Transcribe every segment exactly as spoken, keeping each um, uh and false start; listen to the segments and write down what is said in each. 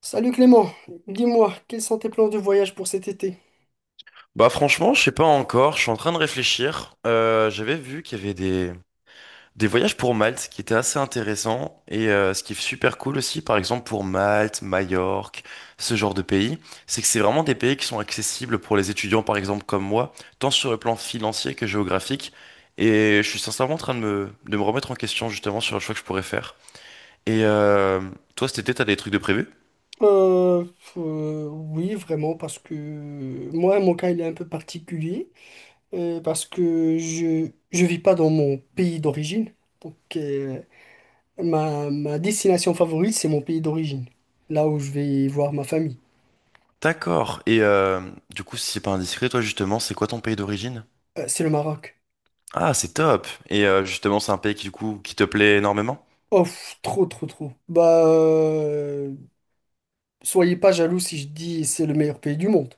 Salut Clément, dis-moi, quels sont tes plans de voyage pour cet été? Bah franchement, je sais pas encore, je suis en train de réfléchir. Euh, j'avais vu qu'il y avait des, des voyages pour Malte qui étaient assez intéressants et euh, ce qui est super cool aussi, par exemple pour Malte, Majorque, ce genre de pays, c'est que c'est vraiment des pays qui sont accessibles pour les étudiants, par exemple comme moi, tant sur le plan financier que géographique. Et je suis sincèrement en train de me, de me remettre en question justement sur le choix que je pourrais faire. Et euh, toi cet été, t'as des trucs de prévu? Euh, euh, oui, vraiment, parce que moi, mon cas, il est un peu particulier, euh, parce que je je vis pas dans mon pays d'origine. Donc, euh, ma, Ma destination favorite, c'est mon pays d'origine, là où je vais voir ma famille. D'accord. Et euh, du coup, si c'est pas indiscret, toi justement, c'est quoi ton pays d'origine? Euh, c'est le Maroc. Ah, c'est top. Et euh, justement, c'est un pays qui, du coup, qui te plaît énormément? Oh, pff, trop, trop, trop. Bah, euh, soyez pas jaloux si je dis c'est le meilleur pays du monde.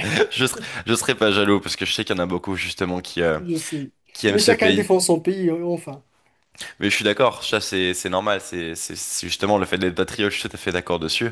Je serais, je serais pas jaloux parce que je sais qu'il y en a beaucoup justement qui, euh, Je sais. qui aiment Mais ce chacun pays. défend son pays, euh, enfin. Mais je suis d'accord, ça c'est c'est normal, c'est c'est- c'est justement le fait d'être patriote, je suis tout à fait d'accord dessus.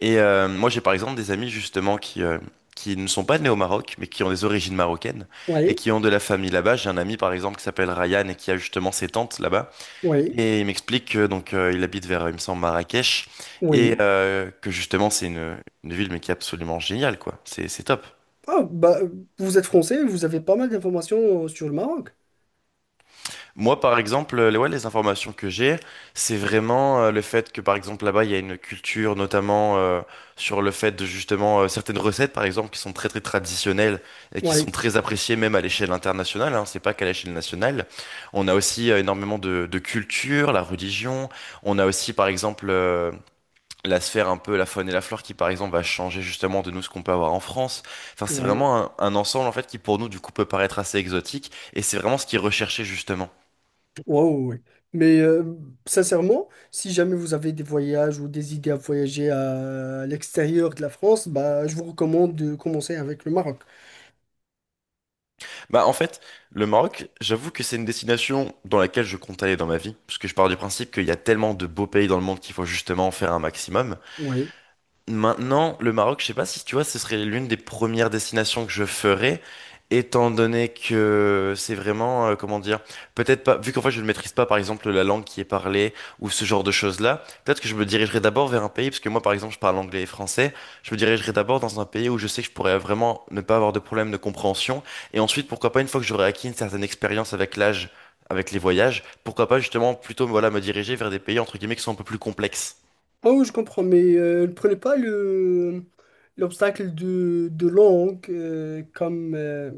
Et euh, moi j'ai par exemple des amis justement qui, euh, qui ne sont pas nés au Maroc, mais qui ont des origines marocaines et Oui, qui ont de la famille là-bas. J'ai un ami par exemple qui s'appelle Ryan et qui a justement ses tantes là-bas. oui. Et il m'explique que donc euh, il habite vers, il me semble, Marrakech, et Oui. euh, que justement c'est une, une ville mais qui est absolument géniale, quoi. C'est c'est top. Ah, bah, vous êtes français, vous avez pas mal d'informations euh, sur le Maroc. Moi, par exemple, euh, les, ouais, les informations que j'ai, c'est vraiment euh, le fait que, par exemple, là-bas, il y a une culture, notamment euh, sur le fait de justement euh, certaines recettes, par exemple, qui sont très très traditionnelles et qui sont Oui, très appréciées même à l'échelle internationale. Hein, c'est pas qu'à l'échelle nationale. On a aussi euh, énormément de, de culture, la religion. On a aussi, par exemple, euh, la sphère un peu la faune et la flore qui par exemple va changer justement de nous ce qu'on peut avoir en France. Enfin, c'est oui, vraiment un, un ensemble en fait qui pour nous du coup peut paraître assez exotique et c'est vraiment ce qui est recherché justement. wow, oui. Mais euh, sincèrement, si jamais vous avez des voyages ou des idées à voyager à l'extérieur de la France, bah, je vous recommande de commencer avec le Maroc. Bah en fait, le Maroc, j'avoue que c'est une destination dans laquelle je compte aller dans ma vie parce que je pars du principe qu'il y a tellement de beaux pays dans le monde qu'il faut justement en faire un maximum. Oui. Maintenant, le Maroc, je sais pas si tu vois, ce serait l'une des premières destinations que je ferais, étant donné que c'est vraiment, euh, comment dire, peut-être pas, vu qu'en fait je ne maîtrise pas par exemple la langue qui est parlée ou ce genre de choses-là, peut-être que je me dirigerai d'abord vers un pays, parce que moi par exemple je parle anglais et français, je me dirigerai d'abord dans un pays où je sais que je pourrais vraiment ne pas avoir de problème de compréhension, et ensuite pourquoi pas une fois que j'aurai acquis une certaine expérience avec l'âge, avec les voyages, pourquoi pas justement plutôt voilà, me diriger vers des pays entre guillemets qui sont un peu plus complexes. Ah oui, je comprends, mais euh, ne prenez pas le l'obstacle de, de langue euh, comme euh,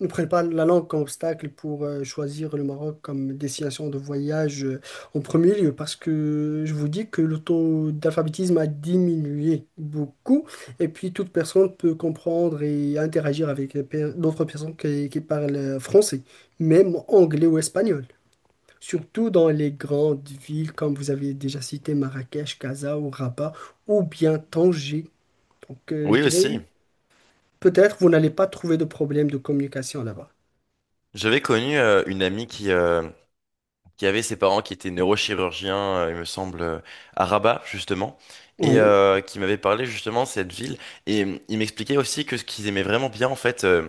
ne prenez pas la langue comme obstacle pour euh, choisir le Maroc comme destination de voyage euh, en premier lieu, parce que je vous dis que le taux d'alphabétisme a diminué beaucoup, et puis toute personne peut comprendre et interagir avec les per- d'autres personnes qui, qui parlent français, même anglais ou espagnol, surtout dans les grandes villes comme vous avez déjà cité Marrakech, Casa ou Rabat ou bien Tanger. Donc euh, je Oui aussi. dirais peut-être vous n'allez pas trouver de problème de communication là-bas. J'avais connu euh, une amie qui, euh, qui avait ses parents qui étaient neurochirurgiens, euh, il me semble, euh, à Rabat, justement, et Oui. euh, qui m'avait parlé justement de cette ville. Et euh, il m'expliquait aussi que ce qu'ils aimaient vraiment bien, en fait, euh,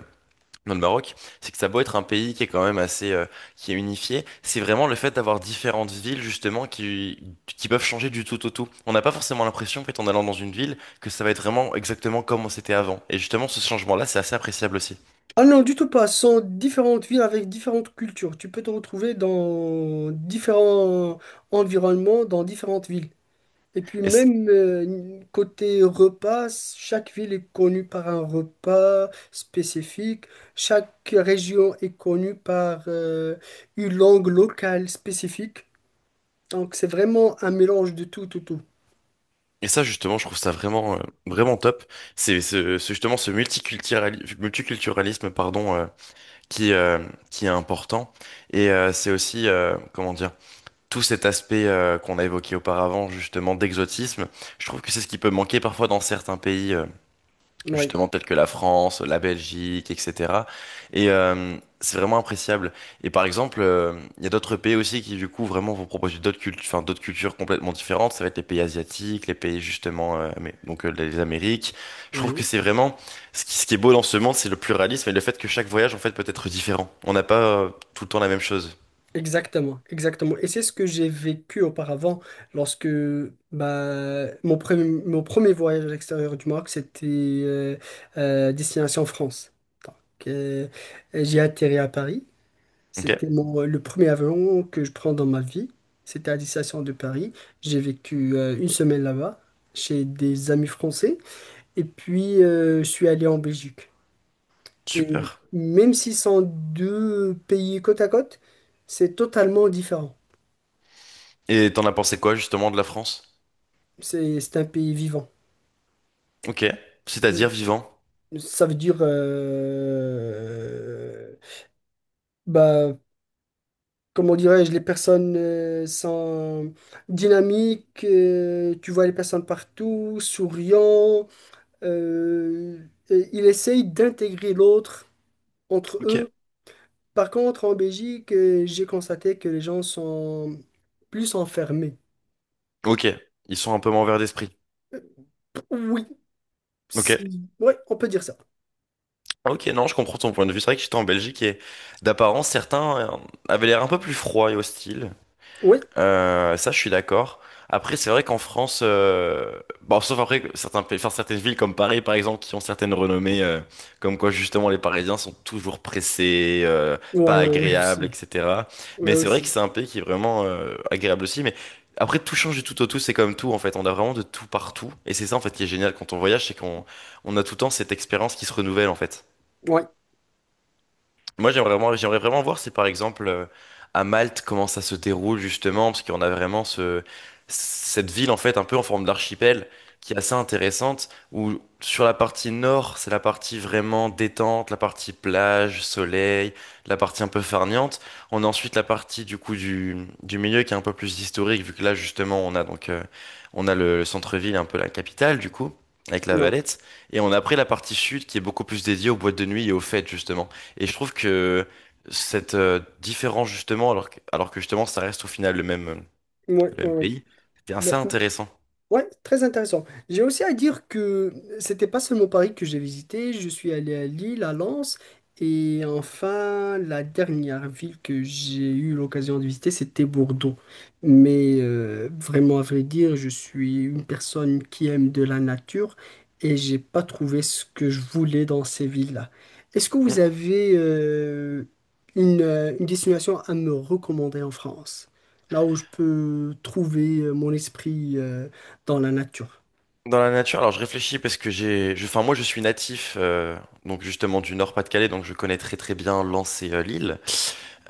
dans le Maroc, c'est que ça a beau être un pays qui est quand même assez, euh, qui est unifié, c'est vraiment le fait d'avoir différentes villes, justement, qui, qui peuvent changer du tout au tout. On n'a pas forcément l'impression, en fait, en allant dans une ville, que ça va être vraiment exactement comme on s'était avant. Et justement, ce changement-là, c'est assez appréciable aussi. Ah non, du tout pas. Ce sont différentes villes avec différentes cultures. Tu peux te retrouver dans différents environnements, dans différentes villes. Et puis même euh, côté repas, chaque ville est connue par un repas spécifique, chaque région est connue par euh, une langue locale spécifique. Donc c'est vraiment un mélange de tout, tout, tout. Et ça, justement, je trouve ça vraiment, euh, vraiment top. C'est ce, ce- justement ce multiculturali- multiculturalisme, pardon, euh, qui, euh, qui est important. Et euh, c'est aussi, euh, comment dire, tout cet aspect euh, qu'on a évoqué auparavant, justement, d'exotisme. Je trouve que c'est ce qui peut manquer parfois dans certains pays. euh, Oui, justement peut-être que la France, la Belgique, et cetera. Et euh, c'est vraiment appréciable. Et par exemple, euh, il y a d'autres pays aussi qui du coup vraiment vont proposer d'autres cultures, enfin d'autres cultures complètement différentes. Ça va être les pays asiatiques, les pays justement, euh, mais, donc euh, les Amériques. Je trouve que oui, c'est vraiment ce qui, ce qui est beau dans ce monde, c'est le pluralisme et le fait que chaque voyage en fait peut être différent. On n'a pas euh, tout le temps la même chose. exactement, exactement. Et c'est ce que j'ai vécu auparavant lorsque bah, mon premier, mon premier voyage à l'extérieur du Maroc, c'était euh, euh, destination France. Donc euh, j'ai atterri à Paris. Ok, C'était mon, euh, le premier avion que je prends dans ma vie. C'était à la destination de Paris. J'ai vécu euh, une semaine là-bas chez des amis français. Et puis, euh, je suis allé en Belgique. Et super. même si ce sont deux pays côte à côte, c'est totalement différent. Et t'en as pensé quoi justement de la France? C'est, c'est un pays vivant. Ok, c'est-à-dire vivant. Ça veut dire, euh, bah, comment dirais-je, les personnes euh, sont dynamiques. Euh, tu vois les personnes partout, souriant. Euh, et il essaye d'intégrer l'autre entre Ok, eux. Par contre, en Belgique, euh, j'ai constaté que les gens sont plus enfermés. ok, ils sont un peu moins ouverts d'esprit. Oui, Ok. si. Ouais, on peut dire ça. Ok, non, je comprends ton point de vue. C'est vrai que j'étais en Belgique et d'apparence, certains euh, avaient l'air un peu plus froids et hostiles. Oui. Euh, ça, je suis d'accord. Après, c'est vrai qu'en France, euh, bon, sauf après que certains pays, enfin, certaines villes comme Paris, par exemple, qui ont certaines renommées, euh, comme quoi justement les Parisiens sont toujours pressés, euh, pas Ouais, ouais, ouais, agréables, aussi. et cetera. Ouais, Mais c'est vrai que aussi. c'est un pays qui est vraiment euh, agréable aussi. Mais après, tout change du tout au tout, c'est comme tout en fait. On a vraiment de tout partout, et c'est ça en fait qui est génial quand on voyage, c'est qu'on on a tout le temps cette expérience qui se renouvelle en fait. Ouais, Moi, j'aimerais vraiment, j'aimerais vraiment voir si, par exemple, euh, à Malte, comment ça se déroule justement, parce qu'on a vraiment ce, cette ville, en fait, un peu en forme d'archipel, qui est assez intéressante, où sur la partie nord, c'est la partie vraiment détente, la partie plage, soleil, la partie un peu farniente. On a ensuite la partie, du coup, du, du milieu qui est un peu plus historique, vu que là, justement, on a donc, euh, on a le, le centre-ville, un peu la capitale, du coup, avec la ouais, Valette. Et on a après la partie sud, qui est beaucoup plus dédiée aux boîtes de nuit et aux fêtes, justement. Et je trouve que cette euh, différence, justement, alors que, alors que justement, ça reste au final le même, euh, ouais, le ouais, même ouais. pays, c'était Mais, assez intéressant. ouais, très intéressant. J'ai aussi à dire que c'était pas seulement Paris que j'ai visité, je suis allé à Lille, à Lens, et enfin la dernière ville que j'ai eu l'occasion de visiter, c'était Bordeaux. Mais euh, vraiment à vrai dire, je suis une personne qui aime de la nature et j'ai pas trouvé ce que je voulais dans ces villes-là. Est-ce que vous Mm. avez euh, une, euh, une destination à me recommander en France? Là où je peux trouver euh, mon esprit euh, dans la nature. Dans la nature, alors je réfléchis parce que j'ai, je- enfin moi je suis natif euh, donc justement du Nord-Pas-de-Calais donc je connais très très bien Lens et euh, Lille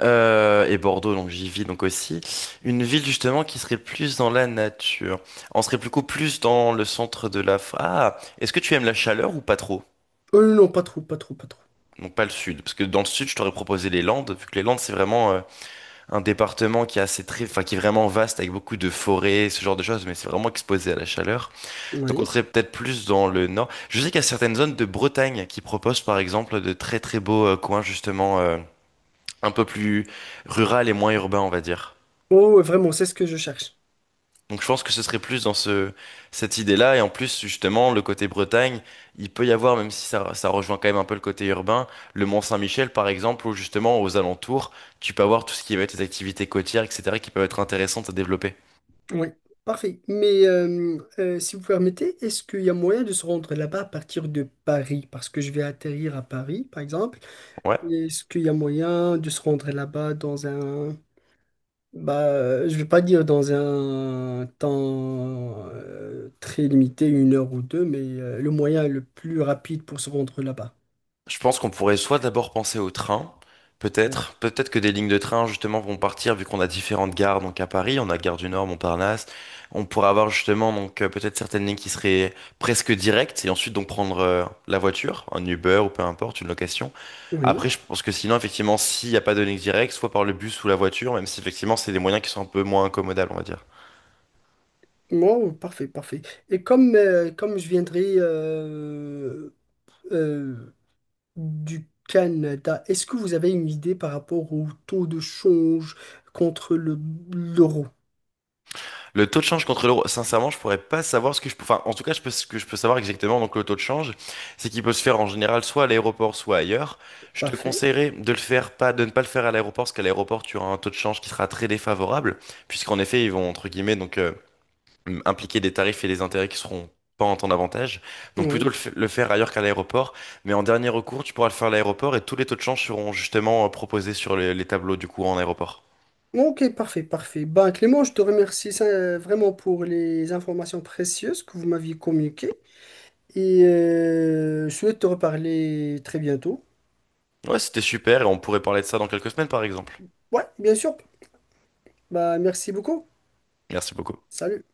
Euh, et Bordeaux donc j'y vis donc aussi une ville justement qui serait plus dans la nature on serait beaucoup plus dans le centre de la ah est-ce que tu aimes la chaleur ou pas trop Euh, non, pas trop, pas trop, pas trop. donc pas le sud parce que dans le sud je t'aurais proposé les Landes vu que les Landes c'est vraiment euh, un département qui est assez très, enfin qui est vraiment vaste avec beaucoup de forêts, ce genre de choses, mais c'est vraiment exposé à la chaleur. Donc on Oui. serait peut-être plus dans le nord. Je sais qu'il y a certaines zones de Bretagne qui proposent par exemple de très très beaux euh, coins justement euh, un peu plus rural et moins urbain, on va dire. Oh, ouais, vraiment, c'est ce que je cherche. Donc je pense que ce serait plus dans ce cette idée-là et en plus justement le côté Bretagne, il peut y avoir même si ça ça rejoint quand même un peu le côté urbain, le Mont-Saint-Michel par exemple ou justement aux alentours, tu peux avoir tout ce qui va être des activités côtières, et cetera, qui peuvent être intéressantes à développer. Oui, parfait. Mais euh, euh, si vous permettez, est-ce qu'il y a moyen de se rendre là-bas à partir de Paris? Parce que je vais atterrir à Paris, par exemple. Ouais. Est-ce qu'il y a moyen de se rendre là-bas dans un... Bah, euh, je vais pas dire dans un temps euh, très limité, une heure ou deux, mais euh, le moyen le plus rapide pour se rendre là-bas. Je pense qu'on pourrait soit d'abord penser au train, peut-être, peut-être que des lignes de train justement vont partir vu qu'on a différentes gares. Donc à Paris, on a Gare du Nord, Montparnasse. On pourrait avoir justement donc euh, peut-être certaines lignes qui seraient presque directes et ensuite donc prendre euh, la voiture, un Uber ou peu importe, une location. Oui. Après, je pense que sinon effectivement, s'il n'y a pas de ligne directe, soit par le bus ou la voiture, même si effectivement c'est des moyens qui sont un peu moins incommodables, on va dire. Bon, parfait, parfait. Et comme, euh, comme je viendrai euh, euh, du Canada, est-ce que vous avez une idée par rapport au taux de change contre le, l'euro? Le taux de change contre l'euro, sincèrement, je pourrais pas savoir ce que je peux. Enfin, en tout cas, je peux, ce que je peux savoir exactement. Donc, le taux de change, c'est qu'il peut se faire en général soit à l'aéroport, soit ailleurs. Je te Parfait, conseillerais de le faire pas, de ne pas le faire à l'aéroport, parce qu'à l'aéroport, tu auras un taux de change qui sera très défavorable, puisqu'en effet, ils vont entre guillemets donc euh, impliquer des tarifs et des intérêts qui seront pas en temps d'avantage. Donc, plutôt oui. le, f- le faire ailleurs qu'à l'aéroport. Mais en dernier recours, tu pourras le faire à l'aéroport et tous les taux de change seront justement euh, proposés sur les les tableaux du cours en aéroport. Ok, parfait, parfait. Ben, Clément, je te remercie ça, vraiment pour les informations précieuses que vous m'aviez communiquées et euh, je souhaite te reparler très bientôt. Ouais, c'était super et on pourrait parler de ça dans quelques semaines, par exemple. Ouais, bien sûr. Bah merci beaucoup. Merci beaucoup. Salut.